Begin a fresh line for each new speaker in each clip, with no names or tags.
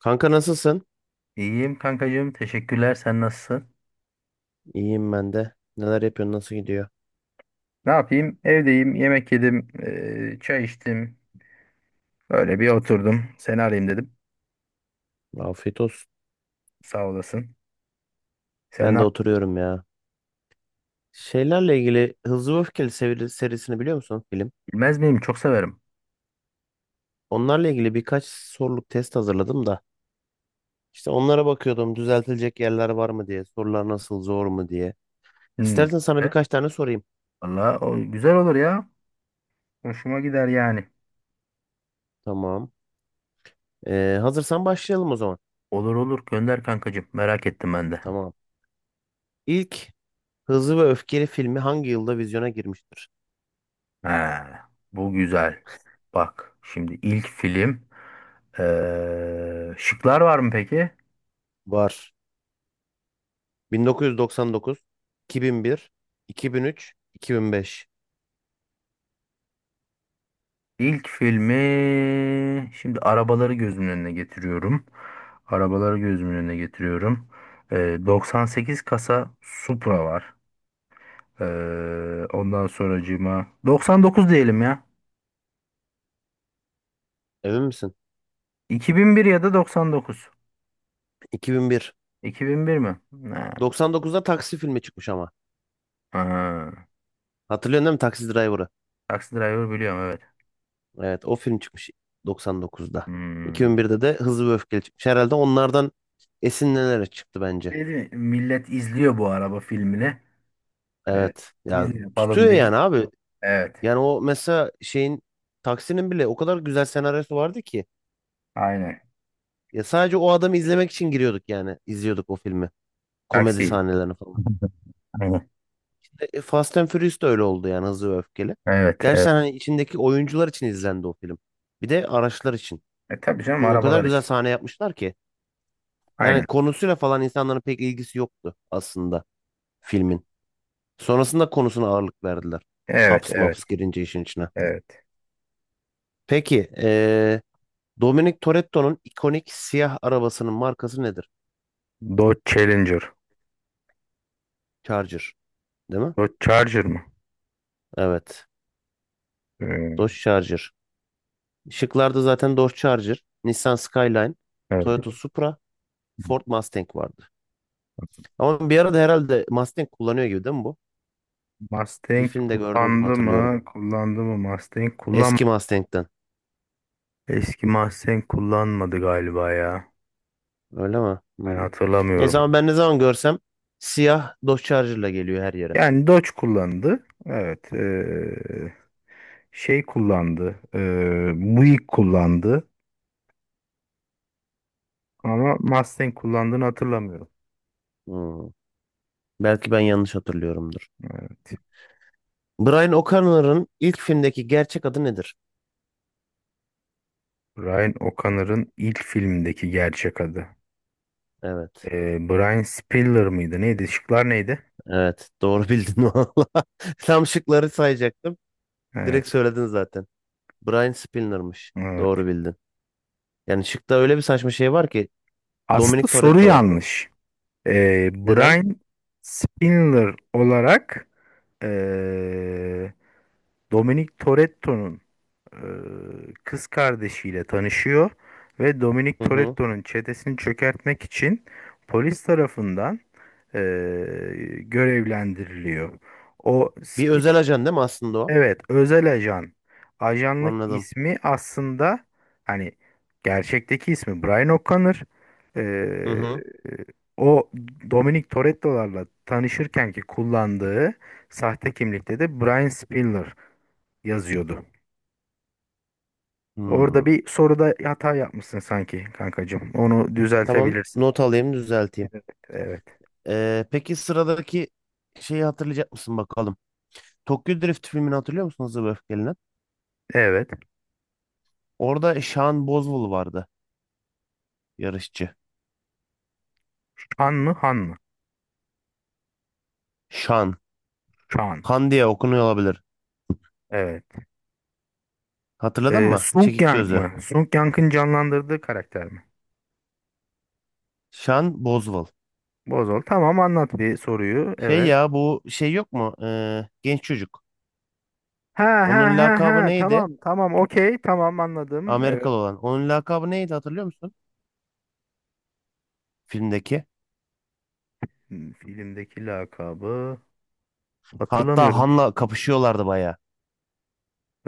Kanka, nasılsın?
İyiyim kankacığım. Teşekkürler. Sen nasılsın?
İyiyim ben de. Neler yapıyorsun? Nasıl gidiyor?
Ne yapayım? Evdeyim. Yemek yedim. Çay içtim. Böyle bir oturdum. Seni arayayım dedim.
Afiyet olsun.
Sağ olasın. Sen ne
Ben de
yaptın?
oturuyorum ya. Şeylerle ilgili Hızlı ve Öfkeli serisini biliyor musun, film?
Bilmez miyim? Çok severim.
Onlarla ilgili birkaç soruluk test hazırladım da. İşte onlara bakıyordum, düzeltilecek yerler var mı diye. Sorular nasıl, zor mu diye.
Hmm,
İstersen sana
güzel.
birkaç tane sorayım.
Valla o güzel olur ya. Hoşuma gider yani.
Tamam. Hazırsan başlayalım o zaman.
Olur olur. Gönder kankacığım. Merak ettim ben de.
Tamam. İlk Hızlı ve Öfkeli filmi hangi yılda vizyona girmiştir?
Ha, bu güzel. Bak şimdi ilk film. Şıklar var mı peki?
Var. 1999, 2001, 2003, 2005.
İlk filmi şimdi arabaları gözümün önüne getiriyorum. Arabaları gözümün önüne getiriyorum. Ee, 98 kasa Supra var. Ondan sonracığıma 99 diyelim ya.
Emin misin?
2001 ya da 99.
2001.
2001 mi? Ha.
99'da Taksi filmi çıkmış ama.
Ha.
Hatırlıyorsun değil mi Taksi Driver'ı?
Taxi Driver biliyorum, evet.
Evet, o film çıkmış 99'da.
Hmm.
2001'de de Hızlı ve Öfkeli çıkmış. Herhalde onlardan esinlenerek çıktı bence.
Şey değil mi? Millet izliyor bu araba filmini. Ee,
Evet. Ya,
Biz de yapalım
tutuyor
deyip.
yani abi.
Evet.
Yani o mesela şeyin, Taksi'nin bile o kadar güzel senaryosu vardı ki.
Aynen.
Ya sadece o adamı izlemek için giriyorduk yani. İzliyorduk o filmi. Komedi
Taksi.
sahnelerini falan.
Aynen.
Fast and Furious da öyle oldu yani, Hızlı ve Öfkeli.
Evet, evet.
Gerçekten hani içindeki oyuncular için izlendi o film. Bir de araçlar için.
E tabii canım,
Çünkü o kadar
arabalar
güzel
için.
sahne yapmışlar ki. Yani
Aynen.
konusuyla falan insanların pek ilgisi yoktu aslında filmin. Sonrasında konusuna ağırlık verdiler.
Evet,
Haps
evet,
maps girince işin içine.
evet.
Peki, Dominic Toretto'nun ikonik siyah arabasının markası nedir?
Dodge Challenger.
Charger değil mi?
Dodge Charger mı?
Evet.
Ee,
Dodge Charger. Şıklarda zaten Dodge Charger, Nissan Skyline,
evet.
Toyota Supra, Ford Mustang vardı. Ama bir arada herhalde Mustang kullanıyor gibi değil mi bu? Bir
Mustang
filmde gördüğüm gibi
kullandı
hatırlıyorum.
mı? Kullandı mı Mustang?
Eski Mustang'den.
Eski Mustang kullanmadı galiba ya.
Öyle mi?
Ben
Hmm. Neyse,
hatırlamıyorum.
ama ben ne zaman görsem siyah Dodge Charger'la geliyor her yere.
Yani Dodge kullandı. Evet. Şey kullandı. Buick kullandı. Ama Mustang kullandığını hatırlamıyorum.
Hmm. Belki ben yanlış hatırlıyorumdur.
Evet.
Brian O'Connor'ın ilk filmdeki gerçek adı nedir?
Ryan O'Connor'ın ilk filmdeki gerçek adı.
Evet.
Brian Spiller mıydı? Neydi? Şıklar neydi?
Evet. Doğru bildin valla. Tam şıkları sayacaktım. Direkt
Evet.
söyledin zaten. Brian Spinner'mış.
Evet.
Doğru bildin. Yani şıkta öyle bir saçma şey var ki,
Aslında
Dominic
soru
Toretto var.
yanlış.
Neden?
Brian Spiller olarak ee, Dominic Toretto'nun ee, kız kardeşiyle tanışıyor ve Dominic
Hı hı.
Toretto'nun çetesini çökertmek için polis tarafından görevlendiriliyor. O
Bir
Sp-
özel ajan değil mi aslında o?
Evet, özel ajan. Ajanlık
Anladım.
ismi aslında, hani gerçekteki ismi Brian O'Connor.
Hı
Ee,
hı.
o Dominic Toretto'larla tanışırken ki kullandığı sahte kimlikte de Brian Spiller yazıyordu. Orada
Hmm.
bir soruda hata yapmışsın sanki kankacığım. Onu
Tamam,
düzeltebilirsin.
not alayım, düzelteyim.
Evet.
Peki sıradaki şeyi hatırlayacak mısın bakalım. Tokyo Drift filmini hatırlıyor musun, Hızlı ve Öfkeli'nin?
Evet.
Orada Sean Boswell vardı, yarışçı.
Han mı? Han mı?
Sean.
Chan.
Han diye okunuyor olabilir.
Evet.
Hatırladın mı?
Sung
Çekik
Yang
gözü.
mı? Sung Yang'ın canlandırdığı karakter mi?
Sean Boswell.
Bozol. Tamam, anlat bir soruyu.
Şey
Evet.
ya, bu şey yok mu? Genç çocuk.
Ha ha
Onun
ha
lakabı
ha.
neydi?
Tamam, tamam, okey. Tamam, anladım. Evet.
Amerikalı olan. Onun lakabı neydi hatırlıyor musun? Filmdeki.
Hmm, filmdeki lakabı
Hatta
hatırlamıyorum.
Han'la kapışıyorlardı bayağı.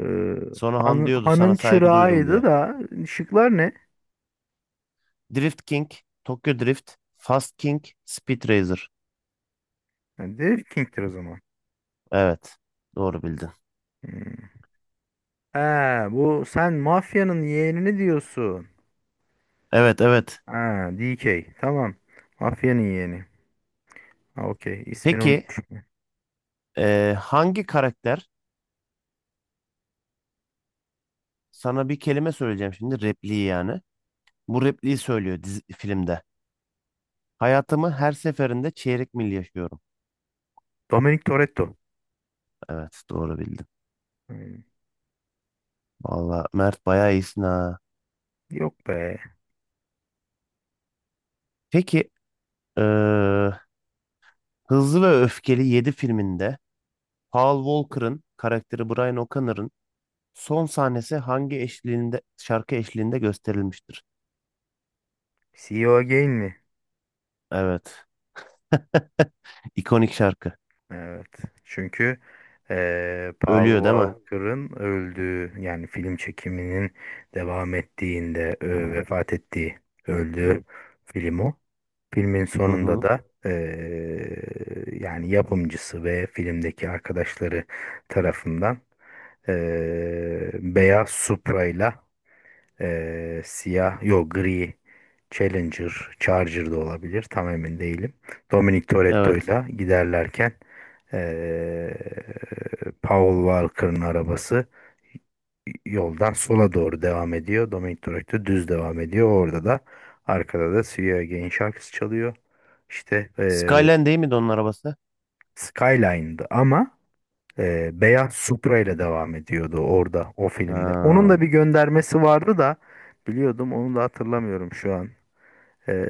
Ee,
Sonra Han diyordu sana
hanın
saygı duydum
çırağıydı
diye.
da, şıklar ne?
Drift King, Tokyo Drift, Fast King, Speed Racer.
Ha, The King'tir o zaman.
Evet. Doğru bildin.
Hmm. Ha, bu sen mafyanın yeğenini diyorsun.
Evet, evet.
Ha, D K. Tamam. Mafyanın yeğeni. Ha, okey. İsmini
Peki
unutmuşum.
hangi karakter? Sana bir kelime söyleyeceğim şimdi, repliği yani. Bu repliği söylüyor dizi, filmde. Hayatımı her seferinde çeyrek mil yaşıyorum.
Dominic Toretto.
Evet, doğru bildin.
Hmm.
Valla Mert, bayağı iyisin ha.
Yok be.
Peki eee, Hızlı ve Öfkeli 7 filminde Paul Walker'ın karakteri Brian O'Connor'ın son sahnesi hangi eşliğinde, şarkı eşliğinde gösterilmiştir?
C CEO Again mi?
Evet. İkonik şarkı.
Evet. Çünkü Paul
Ölüyor değil mi?
Walker'ın öldüğü, yani film çekiminin devam ettiğinde vefat ettiği, öldüğü film o. Filmin
Hı
sonunda
hı.
da yani yapımcısı ve filmdeki arkadaşları tarafından beyaz Supra'yla siyah, yok gri Challenger, Charger da olabilir. Tam emin değilim. Dominic
Evet.
Toretto'yla giderlerken ee, Paul Walker'ın arabası yoldan sola doğru devam ediyor. Dominic Toretto düz devam ediyor. Orada da, arkada da See You Again şarkısı çalıyor. İşte,
Skyline değil miydi onun arabası?
Skyline'dı ama beyaz Supra ile devam ediyordu orada o filmde. Onun da
Ha,
bir göndermesi vardı da, biliyordum, onu da hatırlamıyorum şu an. Ee,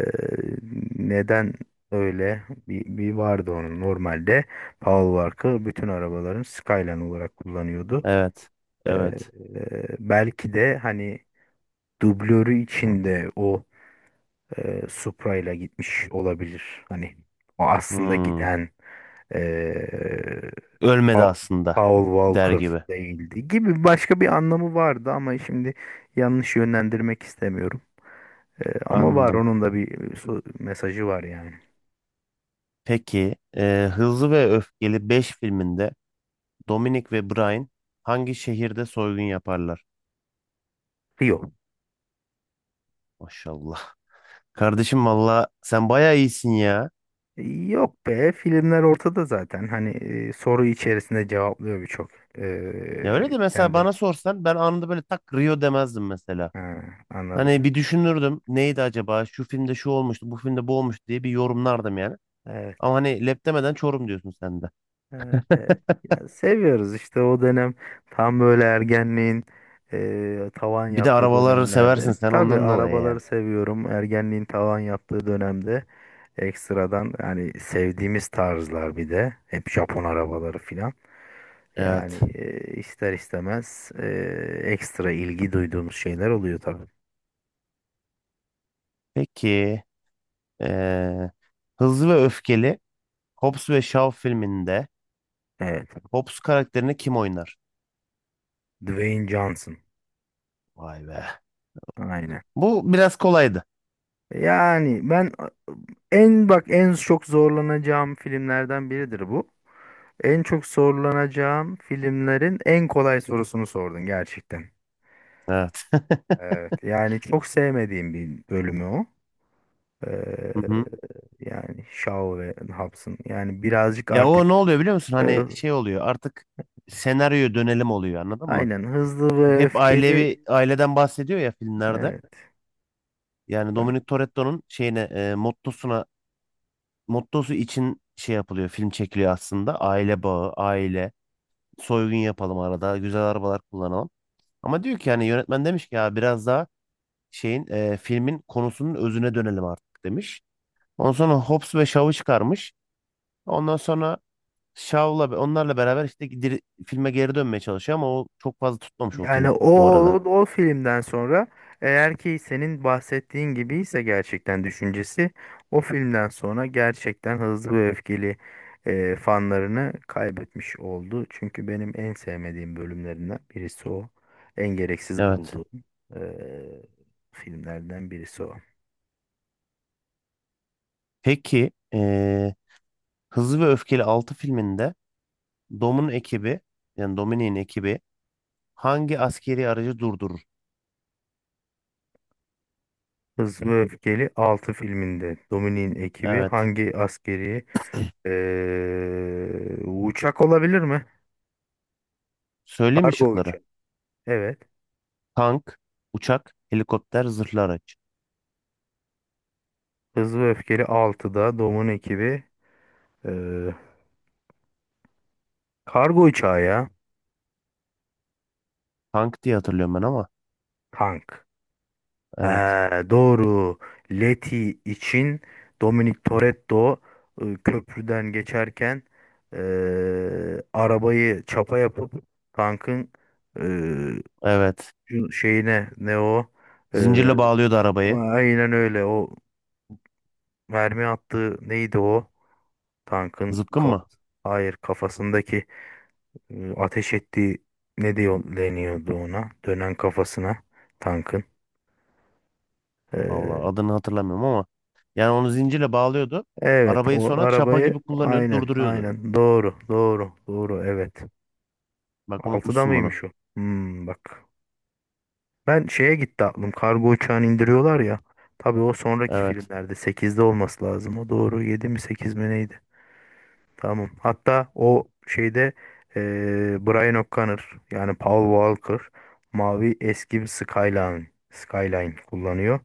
neden öyle? Bir vardı onun normalde. Paul Walker bütün arabaların Skyline olarak kullanıyordu.
evet.
Ee,
Evet.
belki de hani dublörü içinde o Supra ile gitmiş olabilir. Hani o aslında
Hmm.
giden e,
Ölmedi
Pa-
aslında.
Paul
Der
Walker
gibi.
değildi gibi, başka bir anlamı vardı ama şimdi yanlış yönlendirmek istemiyorum. Ama var
Anladım.
onun da bir mesajı var yani.
Peki, Hızlı ve Öfkeli 5 filminde Dominic ve Brian hangi şehirde soygun yaparlar?
Rio.
Maşallah. Kardeşim valla sen bayağı iyisin ya.
Yok be, filmler ortada zaten. Hani soru içerisinde cevaplıyor birçok
Ya öyle de, mesela
kendini.
bana sorsan ben anında böyle tak Rio demezdim mesela.
Ha, anladım.
Hani bir düşünürdüm, neydi acaba, şu filmde şu olmuştu, bu filmde bu olmuştu diye bir yorumlardım yani.
Evet.
Ama hani lep demeden Çorum diyorsun sen de.
Evet, evet. Ya seviyoruz işte o dönem, tam böyle ergenliğin tavan
Bir de
yaptığı
arabaları seversin
dönemlerde.
sen,
Tabii
ondan dolayı
arabaları
yani.
seviyorum. Ergenliğin tavan yaptığı dönemde ekstradan, yani sevdiğimiz tarzlar bir de hep Japon arabaları filan. Yani
Evet.
ister istemez ekstra ilgi duyduğumuz şeyler oluyor tabii.
Peki eee, Hızlı ve Öfkeli Hobbs ve Shaw filminde
Evet.
Hobbs karakterini kim oynar?
Dwayne Johnson.
Vay be.
Aynen.
Bu biraz kolaydı.
Yani ben en, bak, en çok zorlanacağım filmlerden biridir bu. En çok zorlanacağım filmlerin en kolay sorusunu sordun gerçekten.
Evet.
Evet. Yani çok sevmediğim bir bölümü o.
Hı hı.
Ee, yani Shaw ve Hobbs'ın. Yani birazcık
Ya
artık
o ne oluyor biliyor musun?
e,
Hani şey oluyor artık, senaryoya dönelim oluyor, anladın mı?
aynen hızlı
Çünkü
ve
hep ailevi,
öfkeli.
aileden bahsediyor ya filmlerde.
Evet.
Yani Dominic Toretto'nun şeyine mottosuna, için şey yapılıyor, film çekiliyor aslında. Aile bağı, aile, soygun yapalım arada, güzel arabalar kullanalım. Ama diyor ki yani, yönetmen demiş ki ya biraz daha şeyin, filmin konusunun özüne dönelim artık demiş. Ondan sonra Hobbs ve Shaw'ı çıkarmış. Ondan sonra Shaw'la onlarla beraber işte filme geri dönmeye çalışıyor, ama o çok fazla tutmamış o
Yani
film
o
bu arada.
o filmden sonra, eğer ki senin bahsettiğin gibi ise, gerçekten düşüncesi o filmden sonra gerçekten hızlı ve öfkeli fanlarını kaybetmiş oldu. Çünkü benim en sevmediğim bölümlerinden birisi o. En gereksiz
Evet.
bulduğum e, filmlerden birisi o.
Peki Hızlı ve Öfkeli 6 filminde Dom'un ekibi, yani Dominic'in ekibi hangi askeri aracı durdurur?
Hızlı ve Öfkeli 6 filminde Dominik'in ekibi
Evet.
hangi askeri uçak olabilir mi?
Söyleyeyim mi
Kargo
şıkları?
uçağı. Evet.
Tank, uçak, helikopter, zırhlı araç.
Hızlı ve Öfkeli 6'da Dominik'in ekibi eee, kargo uçağı ya.
Tank diye hatırlıyorum ben ama.
Tank.
Evet.
Ha, doğru. Leti için Dominic Toretto köprüden geçerken arabayı çapa yapıp tankın eee,
Evet.
şeyine, ne o?
Zincirle bağlıyordu arabayı.
Aynen öyle. O mermi attığı neydi o? Tankın
Zıpkın mı?
kafası. Hayır, kafasındaki ateş ettiği ne diyor, deniyordu ona? Dönen kafasına tankın.
Allah,
Ee,
adını hatırlamıyorum ama. Yani onu zincirle bağlıyordu.
evet,
Arabayı
o
sonra çapa gibi
arabayı,
kullanıyordu,
aynen
durduruyordu.
aynen, doğru doğru doğru, evet.
Bak,
Altıda
unutmuşsun bunu.
mıymış o? Hmm, bak. Ben şeye gitti aklım. Kargo uçağını indiriyorlar ya. Tabii o sonraki
Evet.
filmlerde 8'de olması lazım. O doğru. 7 mi 8 mi neydi? Tamam. Hatta o şeyde eee Brian O'Connor, yani Paul Walker, mavi eski bir Skyline kullanıyor.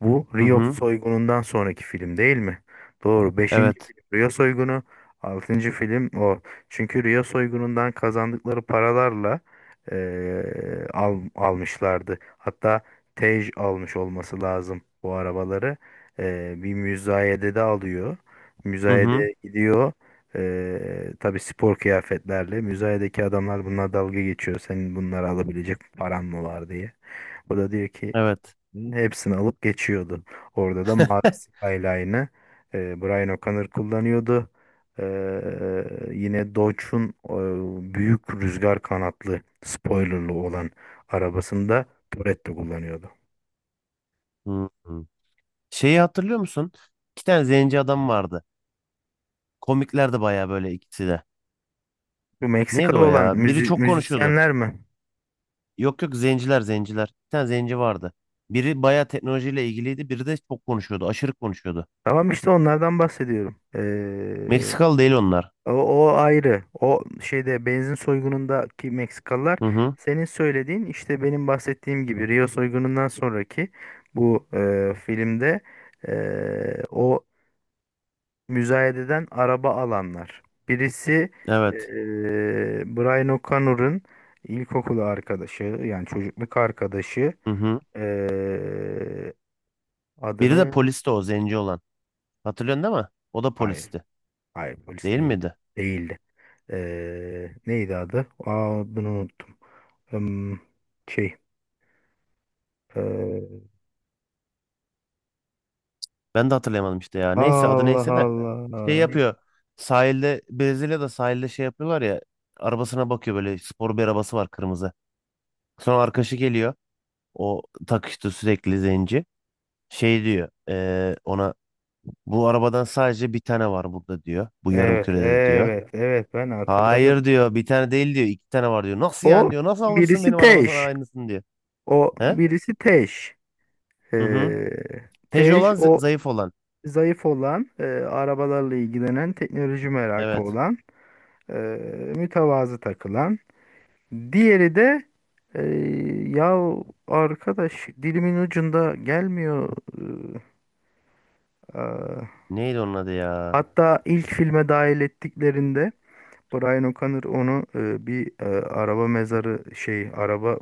Bu
Hı
Rio
hı.
soygunundan sonraki film değil mi? Doğru. 5.
Evet.
film Rio soygunu. 6. film o. Çünkü Rio soygunundan kazandıkları paralarla almışlardı. Hatta Tej almış olması lazım bu arabaları. Bir müzayede de alıyor.
Hı hı.
Müzayede gidiyor. Tabii spor kıyafetlerle. Müzayedeki adamlar bunlar dalga geçiyor. Senin bunları alabilecek paran mı var diye. O da diyor ki
Evet.
hepsini alıp geçiyordu. Orada da mavi Skyline'ı Brian O'Connor kullanıyordu. Ee, yine Dodge'un büyük rüzgar kanatlı spoilerlı olan arabasında Toretto kullanıyordu.
Hı hı. Şeyi hatırlıyor musun? İki tane zenci adam vardı. Komiklerdi bayağı, böyle ikisi de.
Bu
Neydi
Meksikalı
o
olan
ya? Biri çok konuşuyordu.
müzisyenler mi?
Yok yok, zenciler zenciler. Bir tane zenci vardı. Biri bayağı teknolojiyle ilgiliydi. Biri de çok konuşuyordu. Aşırı konuşuyordu.
Tamam, işte onlardan bahsediyorum.
Meksikalı değil onlar.
O, o ayrı. O şeyde benzin soygunundaki Meksikalılar,
Hı hı.
senin söylediğin, işte benim bahsettiğim gibi Rio soygunundan sonraki bu filmde, o müzayededen araba alanlar. Birisi e,
Evet.
Brian O'Connor'ın ilkokulu arkadaşı, yani çocukluk arkadaşı,
Hı hı.
e,
Biri de
adını,
polisti, o zenci olan. Hatırlıyorsun değil mi? O da
hayır
polisti.
hayır, polis
Değil
değildi.
miydi?
Değildi. Neydi adı? Aa, adını unuttum. Hmm, şey. ee,
Ben de hatırlayamadım işte ya. Neyse, adı
Allah
neyse de şey
Allah.
yapıyor. Sahilde, Brezilya'da sahilde şey yapıyorlar ya. Arabasına bakıyor böyle, spor bir arabası var, kırmızı. Sonra arkadaşı geliyor. O takıştı sürekli, zenci. Şey diyor ona, bu arabadan sadece bir tane var burada diyor. Bu yarım
Evet
kürede diyor.
evet evet, ben
Hayır
hatırladım.
diyor, bir tane değil diyor, iki tane var diyor. Nasıl
O
yani diyor, nasıl alırsın
birisi
benim arabasına
Teş.
aynısını diyor.
O
He?
birisi Teş.
Hı hı.
Ee,
Hece
Tej
olan,
o
zayıf olan.
zayıf olan, arabalarla ilgilenen, teknoloji merakı
Evet.
olan, e, mütevazı takılan. Diğeri de e, ya arkadaş, dilimin ucunda gelmiyor. E, aa.
Neydi onun adı ya?
Hatta ilk filme dahil ettiklerinde Brian O'Connor onu bir araba mezarı, şey, araba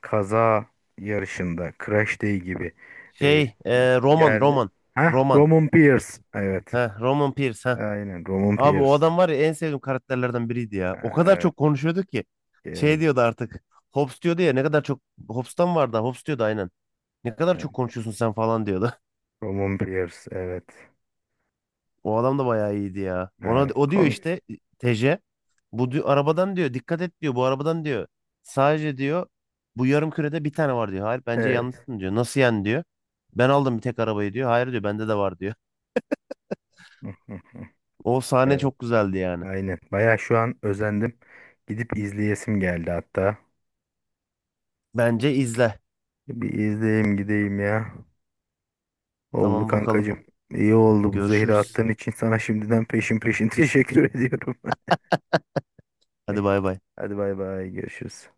kaza yarışında, Crash Day gibi e,
Şey
bir
Roman,
yerde.
Roman.
Ha,
Roman.
Roman Pierce. Evet.
Heh, Roman Pierce. Heh.
Aynen Roman
Abi o
Pierce.
adam var ya, en sevdiğim karakterlerden biriydi ya. O kadar
Evet,
çok konuşuyordu ki. Şey
evet,
diyordu artık. Hobbs diyordu ya, ne kadar çok. Hobbs'tan vardı. Hobbs diyordu aynen. Ne kadar
evet.
çok konuşuyorsun sen falan diyordu.
Roman Pierce. Evet.
O adam da bayağı iyiydi ya. Ona
Evet.
o diyor
Komik.
işte, TC. Bu diyor, arabadan diyor dikkat et diyor, bu arabadan diyor. Sadece diyor bu yarım kürede bir tane var diyor. Hayır bence
Evet.
yanlışsın diyor. Nasıl yani diyor. Ben aldım bir tek arabayı diyor. Hayır diyor, bende de var diyor. O sahne çok güzeldi yani.
Aynen. Baya şu an özendim. Gidip izleyesim geldi hatta.
Bence izle.
Bir izleyeyim gideyim ya. Oldu
Tamam bakalım.
kankacığım. İyi oldu bu zehri
Görüşürüz.
attığın için sana şimdiden peşin peşin teşekkür ediyorum.
Hadi bay bay.
Hadi bay bay, görüşürüz.